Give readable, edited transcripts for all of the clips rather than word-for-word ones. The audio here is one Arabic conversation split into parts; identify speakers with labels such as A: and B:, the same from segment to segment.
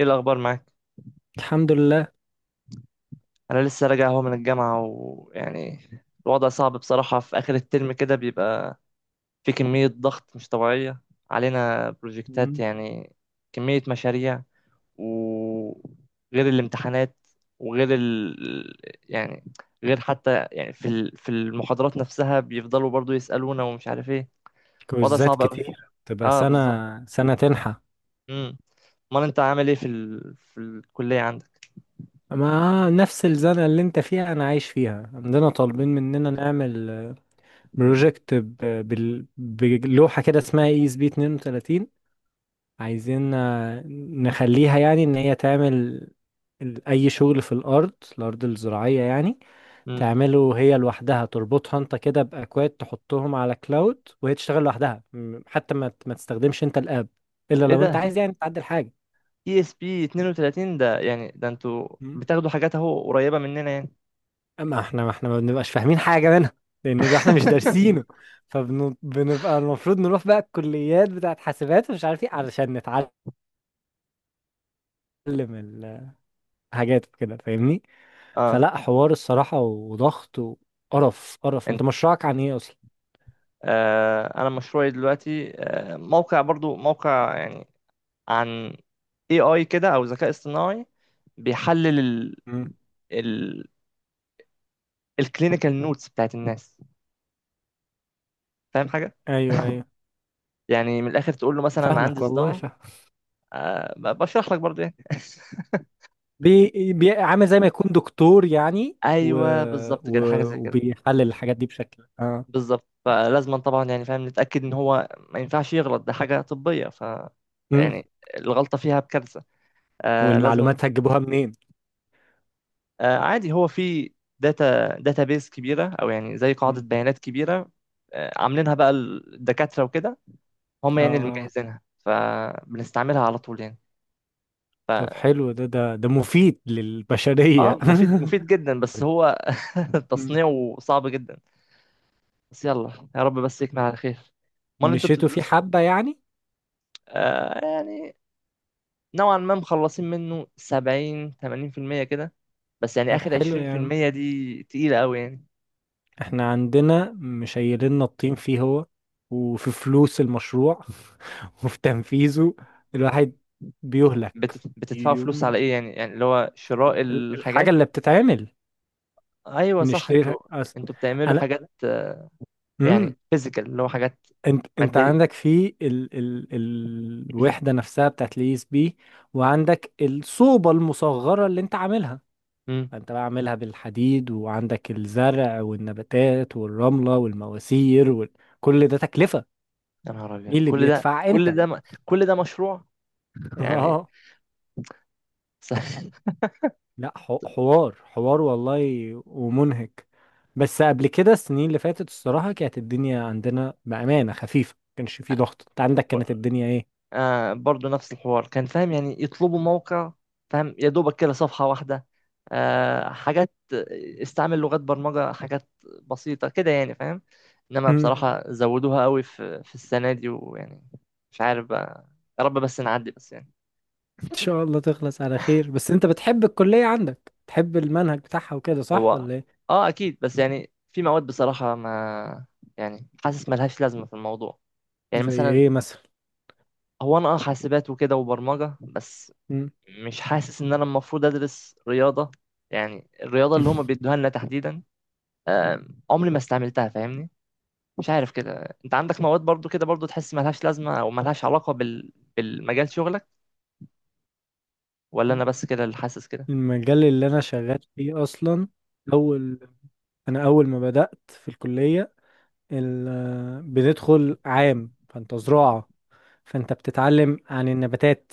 A: ايه الاخبار معاك؟
B: الحمد لله.
A: انا لسه راجع اهو من الجامعه ويعني الوضع صعب بصراحه. في اخر الترم كده بيبقى في كميه ضغط مش طبيعيه علينا، بروجكتات
B: مم.
A: يعني، كميه مشاريع، وغير الامتحانات، وغير ال... يعني غير حتى يعني في المحاضرات نفسها بيفضلوا برضو يسالونا ومش عارف ايه. وضع
B: كويزات
A: صعب قوي.
B: كتير تبقى
A: اه
B: سنة
A: بالظبط.
B: سنة تنحى.
A: امم امال انت عامل ايه في الكليه عندك؟
B: ما نفس الزنقة اللي انت فيها انا عايش فيها. عندنا طالبين مننا نعمل بروجكت بلوحة كده اسمها اي اس بي 32، عايزين نخليها يعني ان هي تعمل اي شغل في الارض الزراعية يعني.
A: امم
B: تعمله هي لوحدها، تربطها انت كده باكواد تحطهم على كلاود وهي تشتغل لوحدها، حتى ما ما تستخدمش انت الاب الا
A: ايه
B: لو انت
A: ده؟
B: عايز يعني تعدل حاجة.
A: اي اس بي 32 ده، يعني ده انتوا
B: مم.
A: بتاخدوا حاجات اهو قريبة مننا يعني؟
B: اما احنا، ما احنا ما بنبقاش فاهمين حاجه منها لان ده احنا مش دارسينه، فبنبقى المفروض نروح بقى الكليات بتاعت حاسبات ومش عارف ايه علشان نتعلم الحاجات وكده، فاهمني؟
A: اه
B: فلا، حوار الصراحه وضغط وقرف. قرف انت
A: انت
B: مشروعك عن ايه اصلا؟
A: آه، انا مشروعي دلوقتي، موقع، برضو موقع يعني، عن اي كده، او ذكاء اصطناعي، بيحلل ال
B: مم.
A: ال الكلينيكال نوتس بتاعت الناس، فاهم حاجة؟
B: ايوه ايوه،
A: يعني من الاخر تقول له مثلا عندي
B: فاهمك والله
A: صداع،
B: فاهم.
A: بشرح لك برضو يعني.
B: عامل زي ما يكون دكتور يعني،
A: ايوه بالظبط
B: و...
A: كده، حاجة زي كده.
B: وبيحلل الحاجات دي بشكل اه.
A: بالظبط، فلازما طبعا يعني فاهم نتأكد ان هو ما ينفعش يغلط، ده حاجة طبية، ف
B: مم.
A: يعني الغلطة فيها بكارثة. آه لازما.
B: والمعلومات هتجيبوها منين؟
A: آه عادي، هو في داتا بيز كبيرة، او يعني زي قاعدة
B: مم.
A: بيانات كبيرة. آه، عاملينها بقى الدكاترة وكده، هم
B: اه
A: يعني اللي
B: آه.
A: مجهزينها فبنستعملها على طول يعني.
B: طب
A: ف
B: حلو، ده مفيد
A: اه
B: للبشرية
A: مفيد، مفيد جدا، بس هو
B: مم.
A: تصنيعه صعب جدا. بس يلا يا رب بس يكمل على خير. امال انتوا
B: مشيتوا فيه
A: بتدرسوا؟
B: حبة يعني؟
A: يعني نوعا ما مخلصين منه 70 80% كده، بس يعني
B: طب
A: اخر
B: حلو يعني،
A: 20% دي تقيلة قوي يعني.
B: احنا عندنا مشيلنا الطين فيه هو، وفي فلوس المشروع وفي تنفيذه، الواحد بيهلك
A: بتدفعوا فلوس على
B: يوم.
A: ايه يعني اللي هو شراء
B: الحاجة
A: الحاجات؟
B: اللي بتتعمل
A: ايوه صح،
B: بنشتريها
A: انتوا انتوا بتعملوا
B: أنا.
A: حاجات آه،
B: مم.
A: يعني فيزيكال، اللي هو حاجات
B: انت
A: مادية.
B: عندك في الوحدة نفسها بتاعت اليو اس بي، وعندك الصوبة المصغرة اللي انت عاملها،
A: امم
B: فانت بقى عاملها بالحديد وعندك الزرع والنباتات والرملة والمواسير وكل ده تكلفة.
A: يا نهار ابيض،
B: مين اللي بيدفع انت؟
A: كل ده مشروع يعني؟
B: اه لا، حوار حوار والله، ومنهك. بس قبل كده السنين اللي فاتت الصراحة كانت الدنيا عندنا بأمانة خفيفة، ما كانش في ضغط. انت عندك
A: س-
B: كانت الدنيا ايه؟
A: آه برضه نفس الحوار كان فاهم، يعني يطلبوا موقع فاهم، يا دوبك كده صفحة واحدة، آه حاجات، استعمل لغات برمجة، حاجات بسيطة كده يعني فاهم. انما
B: مم.
A: بصراحة زودوها قوي في السنة دي، ويعني مش عارف بقى، يا رب بس نعدي بس يعني.
B: ان شاء الله تخلص على خير. بس انت بتحب الكلية عندك، بتحب المنهج بتاعها وكده صح
A: هو
B: ولا ايه؟
A: اه اكيد، بس يعني في مواد بصراحة ما يعني، حاسس ملهاش لازمة في الموضوع، يعني
B: زي
A: مثلا،
B: ايه مثلا؟
A: هو انا حاسبات وكده وبرمجة بس،
B: مم.
A: مش حاسس ان انا المفروض ادرس رياضه. يعني الرياضه اللي هما بيدوها لنا تحديدا، عمري ما استعملتها فاهمني. مش عارف كده، انت عندك مواد برضو كده برضو تحس ملهاش لازمه، او ملهاش علاقه بالمجال شغلك، ولا انا بس كده اللي حاسس كده؟
B: المجال اللي انا شغال فيه اصلا، اول، انا اول ما بدأت في الكلية ال... بندخل عام، فانت زراعة، فانت بتتعلم عن النباتات،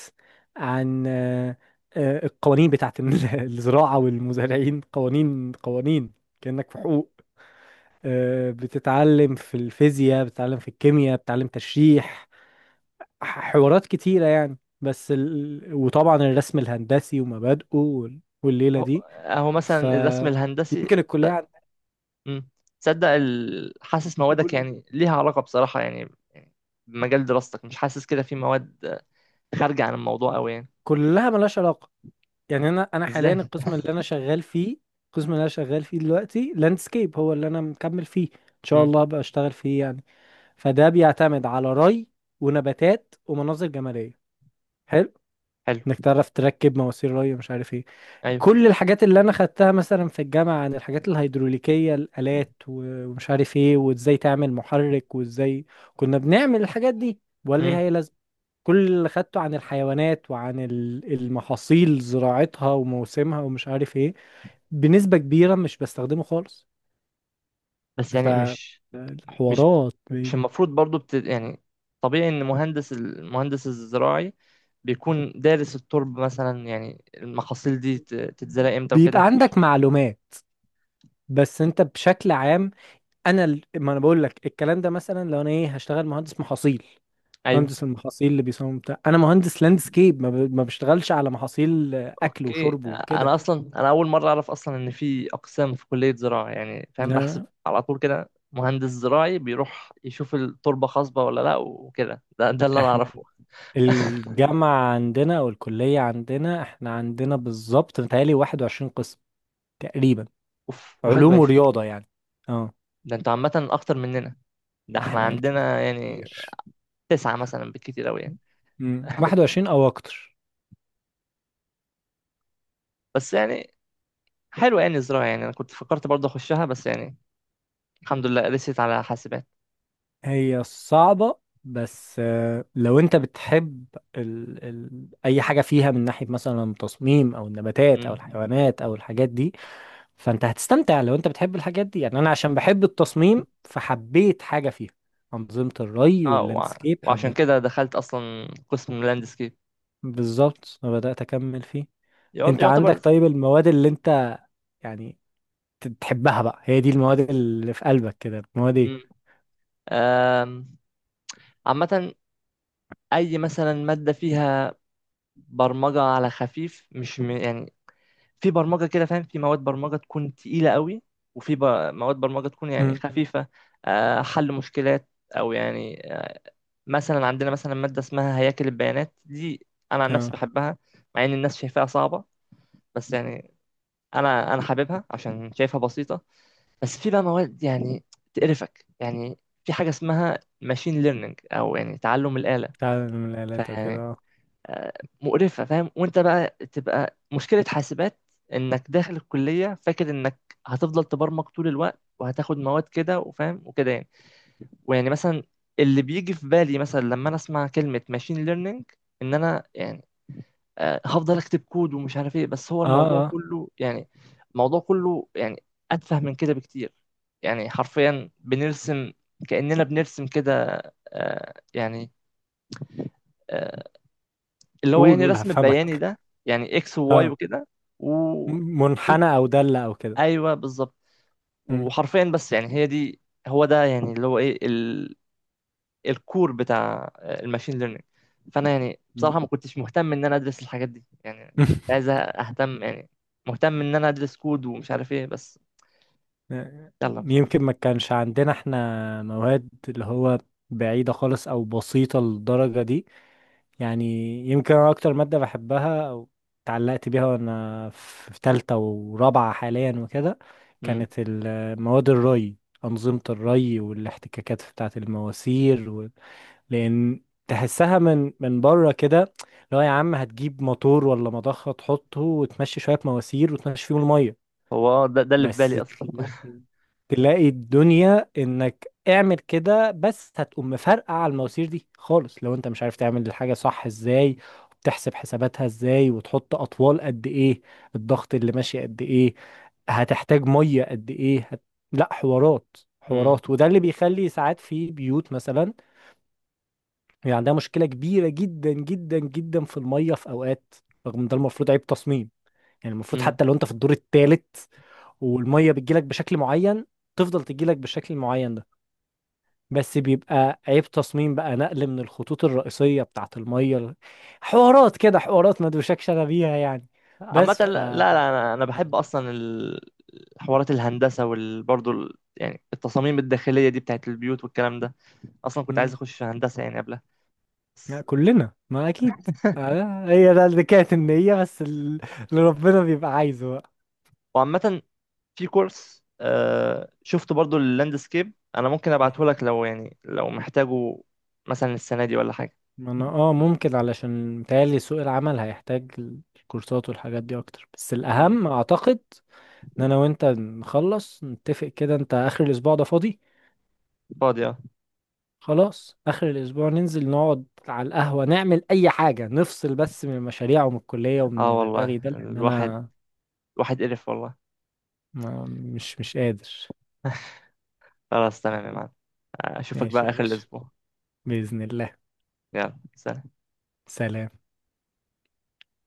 B: عن القوانين بتاعت الزراعة والمزارعين، قوانين قوانين كأنك في حقوق. بتتعلم في الفيزياء، بتتعلم في الكيمياء، بتتعلم تشريح، حوارات كتيرة يعني. بس وطبعا الرسم الهندسي ومبادئه والليلة
A: اهو
B: دي،
A: أهو مثلا الرسم الهندسي.
B: فيمكن
A: ت-
B: الكلية
A: مم. تصدق حاسس موادك
B: عندنا
A: يعني ليها علاقه بصراحه يعني بمجال دراستك؟ مش حاسس كده في مواد خارجه عن الموضوع قوي يعني؟
B: كلها ملهاش علاقة، يعني أنا حاليا
A: ازاي؟
B: القسم اللي أنا شغال فيه، القسم اللي أنا شغال فيه دلوقتي لاندسكيب، هو اللي أنا مكمل فيه إن شاء
A: مم.
B: الله أبقى أشتغل فيه يعني. فده بيعتمد على ري ونباتات ومناظر جمالية حلو،
A: حلو.
B: انك تعرف تركب مواسير ري ومش عارف ايه.
A: ايوه.
B: كل الحاجات اللي انا خدتها مثلا في الجامعة عن الحاجات الهيدروليكية، الآلات ومش عارف ايه، وازاي تعمل محرك وازاي كنا بنعمل الحاجات دي، ولا ليها
A: مم.
B: اي لازمة؟ كل اللي خدته عن الحيوانات وعن المحاصيل، زراعتها وموسمها ومش عارف ايه، بنسبة كبيرة مش بستخدمه خالص.
A: بس يعني مش
B: فالحوارات
A: مش
B: بعيدة.
A: المفروض برضو يعني طبيعي ان المهندس الزراعي بيكون دارس التربة مثلا، يعني المحاصيل دي تتزرع امتى
B: بيبقى
A: وكده، مش
B: عندك معلومات بس انت بشكل عام. انا ما انا بقول لك الكلام ده، مثلا لو انا ايه، هشتغل مهندس محاصيل،
A: ايوه؟
B: مهندس المحاصيل اللي بيصمم بتاع. انا مهندس لاندسكيب، ما بشتغلش على محاصيل اكل
A: اوكي،
B: وشرب وكده.
A: انا اصلا انا اول مرة اعرف اصلا ان في اقسام في كلية زراعة، يعني فاهم بحسب
B: لا،
A: على طول كده مهندس زراعي بيروح يشوف التربة خصبة ولا لا وكده، ده اللي انا اعرفه.
B: الجامعة عندنا أو الكلية عندنا، احنا عندنا بالظبط متهيألي واحد وعشرين قسم تقريبا،
A: اوف،
B: علوم
A: 21؟
B: ورياضة يعني. اه
A: ده انتوا عامة اكتر مننا، ده احنا
B: احنا
A: عندنا يعني
B: كتير.
A: تسعة مثلا بالكتير اوي يعني.
B: مم. واحد وعشرين أو أكتر.
A: بس يعني حلوة يعني الزراعة، يعني أنا كنت فكرت برضه أخشها، بس يعني الحمد لله رسيت على حاسبات.
B: هي صعبة بس، لو أنت بتحب أي حاجة فيها من ناحية مثلا تصميم أو النباتات أو
A: مم.
B: الحيوانات أو الحاجات دي، فأنت هتستمتع. لو أنت بتحب الحاجات دي يعني، أنا عشان بحب التصميم فحبيت حاجة فيها أنظمة الري
A: اه،
B: واللاندسكيب.
A: وعشان كده دخلت أصلا قسم لاندسكيب.
B: بالظبط، أنا بدأت أكمل فيه. أنت عندك
A: يعتبر.
B: طيب المواد اللي أنت يعني تحبها بقى، هي دي المواد اللي في قلبك كده، المواد
A: مم.
B: إيه؟
A: آم، عامة أي مثلا مادة فيها برمجة على خفيف مش يعني في برمجة كده فاهم، في مواد برمجة تكون تقيلة قوي، وفي ب... مواد برمجة تكون يعني
B: امم.
A: خفيفة، حل مشكلات، أو يعني مثلا عندنا مثلا مادة اسمها هياكل البيانات دي، أنا عن نفسي
B: أه.
A: بحبها مع إن الناس شايفاها صعبة، بس يعني أنا حاببها عشان شايفها بسيطة. بس في بقى مواد يعني تقرفك يعني، في حاجة اسمها ماشين ليرنينج، أو يعني تعلم الآلة،
B: تعلم من الآلات أو كده
A: فيعني
B: أه.
A: آه، مقرفة فاهم. وأنت بقى تبقى مشكلة حاسبات، إنك داخل الكلية فاكر إنك هتفضل تبرمج طول الوقت، وهتاخد مواد كده وفاهم وكده يعني. ويعني مثلا اللي بيجي في بالي مثلا لما انا اسمع كلمة ماشين ليرنينج، ان انا يعني هفضل اكتب كود ومش عارف ايه، بس هو
B: أه
A: الموضوع
B: أه.
A: كله يعني، الموضوع كله يعني اتفه من كده بكتير. يعني حرفيا بنرسم، كأننا بنرسم كده، آه، يعني آه، اللي هو
B: قول
A: يعني
B: قول
A: رسم بياني
B: هفهمك.
A: ده، يعني اكس وواي
B: أه.
A: وكده، و
B: م- منحنى أو دالة أو كده.
A: ايوه بالظبط.
B: مم.
A: وحرفيا بس يعني هي دي، هو ده يعني اللي هو ايه، الكور بتاع الماشين ليرنينج. فانا يعني بصراحه
B: مم.
A: ما كنتش مهتم ان انا ادرس الحاجات دي يعني، كنت عايز اهتم يعني، مهتم ان انا ادرس كود ومش عارف ايه، بس يلا مش مشكله.
B: يمكن ما كانش عندنا إحنا مواد اللي هو بعيدة خالص أو بسيطة للدرجة دي يعني. يمكن انا اكتر ماده بحبها او اتعلقت بيها وانا في في تالتة ورابعه حاليا وكده،
A: مم.
B: كانت مواد الري، انظمه الري والاحتكاكات بتاعه المواسير و... لان تحسها من بره كده، لو يا عم هتجيب موتور ولا مضخه تحطه وتمشي شويه مواسير وتمشي فيهم الميه.
A: هو آه، ده اللي في
B: بس
A: بالي اصلا.
B: تلاقي الدنيا انك اعمل كده، بس هتقوم مفرقع على المواسير دي خالص لو انت مش عارف تعمل الحاجة صح ازاي، وبتحسب حساباتها ازاي، وتحط اطوال قد ايه، الضغط اللي ماشي قد ايه، هتحتاج مية قد ايه، لا، حوارات
A: مم.
B: حوارات. وده اللي بيخلي ساعات في بيوت مثلا يعني عندها مشكلة كبيرة جدا جدا جدا في المية في اوقات، رغم ان ده المفروض عيب تصميم. يعني المفروض
A: مم.
B: حتى لو انت في الدور الثالث والميه بتجيلك بشكل معين، تفضل تجيلك بالشكل المعين ده، بس بيبقى عيب تصميم بقى، نقل من الخطوط الرئيسية بتاعت الميه حوارات كده، حوارات ما دوشكش انا بيها يعني.
A: عامه
B: بس
A: لا
B: ف.
A: لا لا، انا بحب اصلا حوارات الهندسه، وبرضه يعني التصاميم الداخليه دي بتاعت البيوت والكلام ده، اصلا كنت عايز
B: مم.
A: اخش هندسه يعني قبلها،
B: لا،
A: بس
B: كلنا، ما اكيد. هي ده اللي كانت النية بس اللي ربنا بيبقى عايزه بقى.
A: وعامة في كورس آه شفت برضو اللاندسكيب، انا ممكن ابعته
B: مم.
A: لك لو يعني لو محتاجه مثلا السنه دي ولا حاجه.
B: ما انا اه ممكن، علشان متهيألي سوق العمل هيحتاج الكورسات والحاجات دي اكتر. بس
A: مم.
B: الاهم اعتقد ان انا وانت نخلص نتفق كده. انت اخر الاسبوع ده فاضي؟
A: فاضي اه.
B: خلاص آخر الأسبوع ننزل نقعد على القهوة نعمل أي حاجة، نفصل بس من المشاريع ومن الكلية ومن
A: آه
B: الرغي
A: والله،
B: ده، لأن
A: الواحد
B: أنا
A: الواحد قرف والله.
B: ما، مش قادر.
A: خلاص تمام يا معلم، اشوفك
B: ماشي
A: بقى
B: يا
A: اخر
B: باشا،
A: الاسبوع،
B: بإذن الله.
A: يلا سلام.
B: سلام.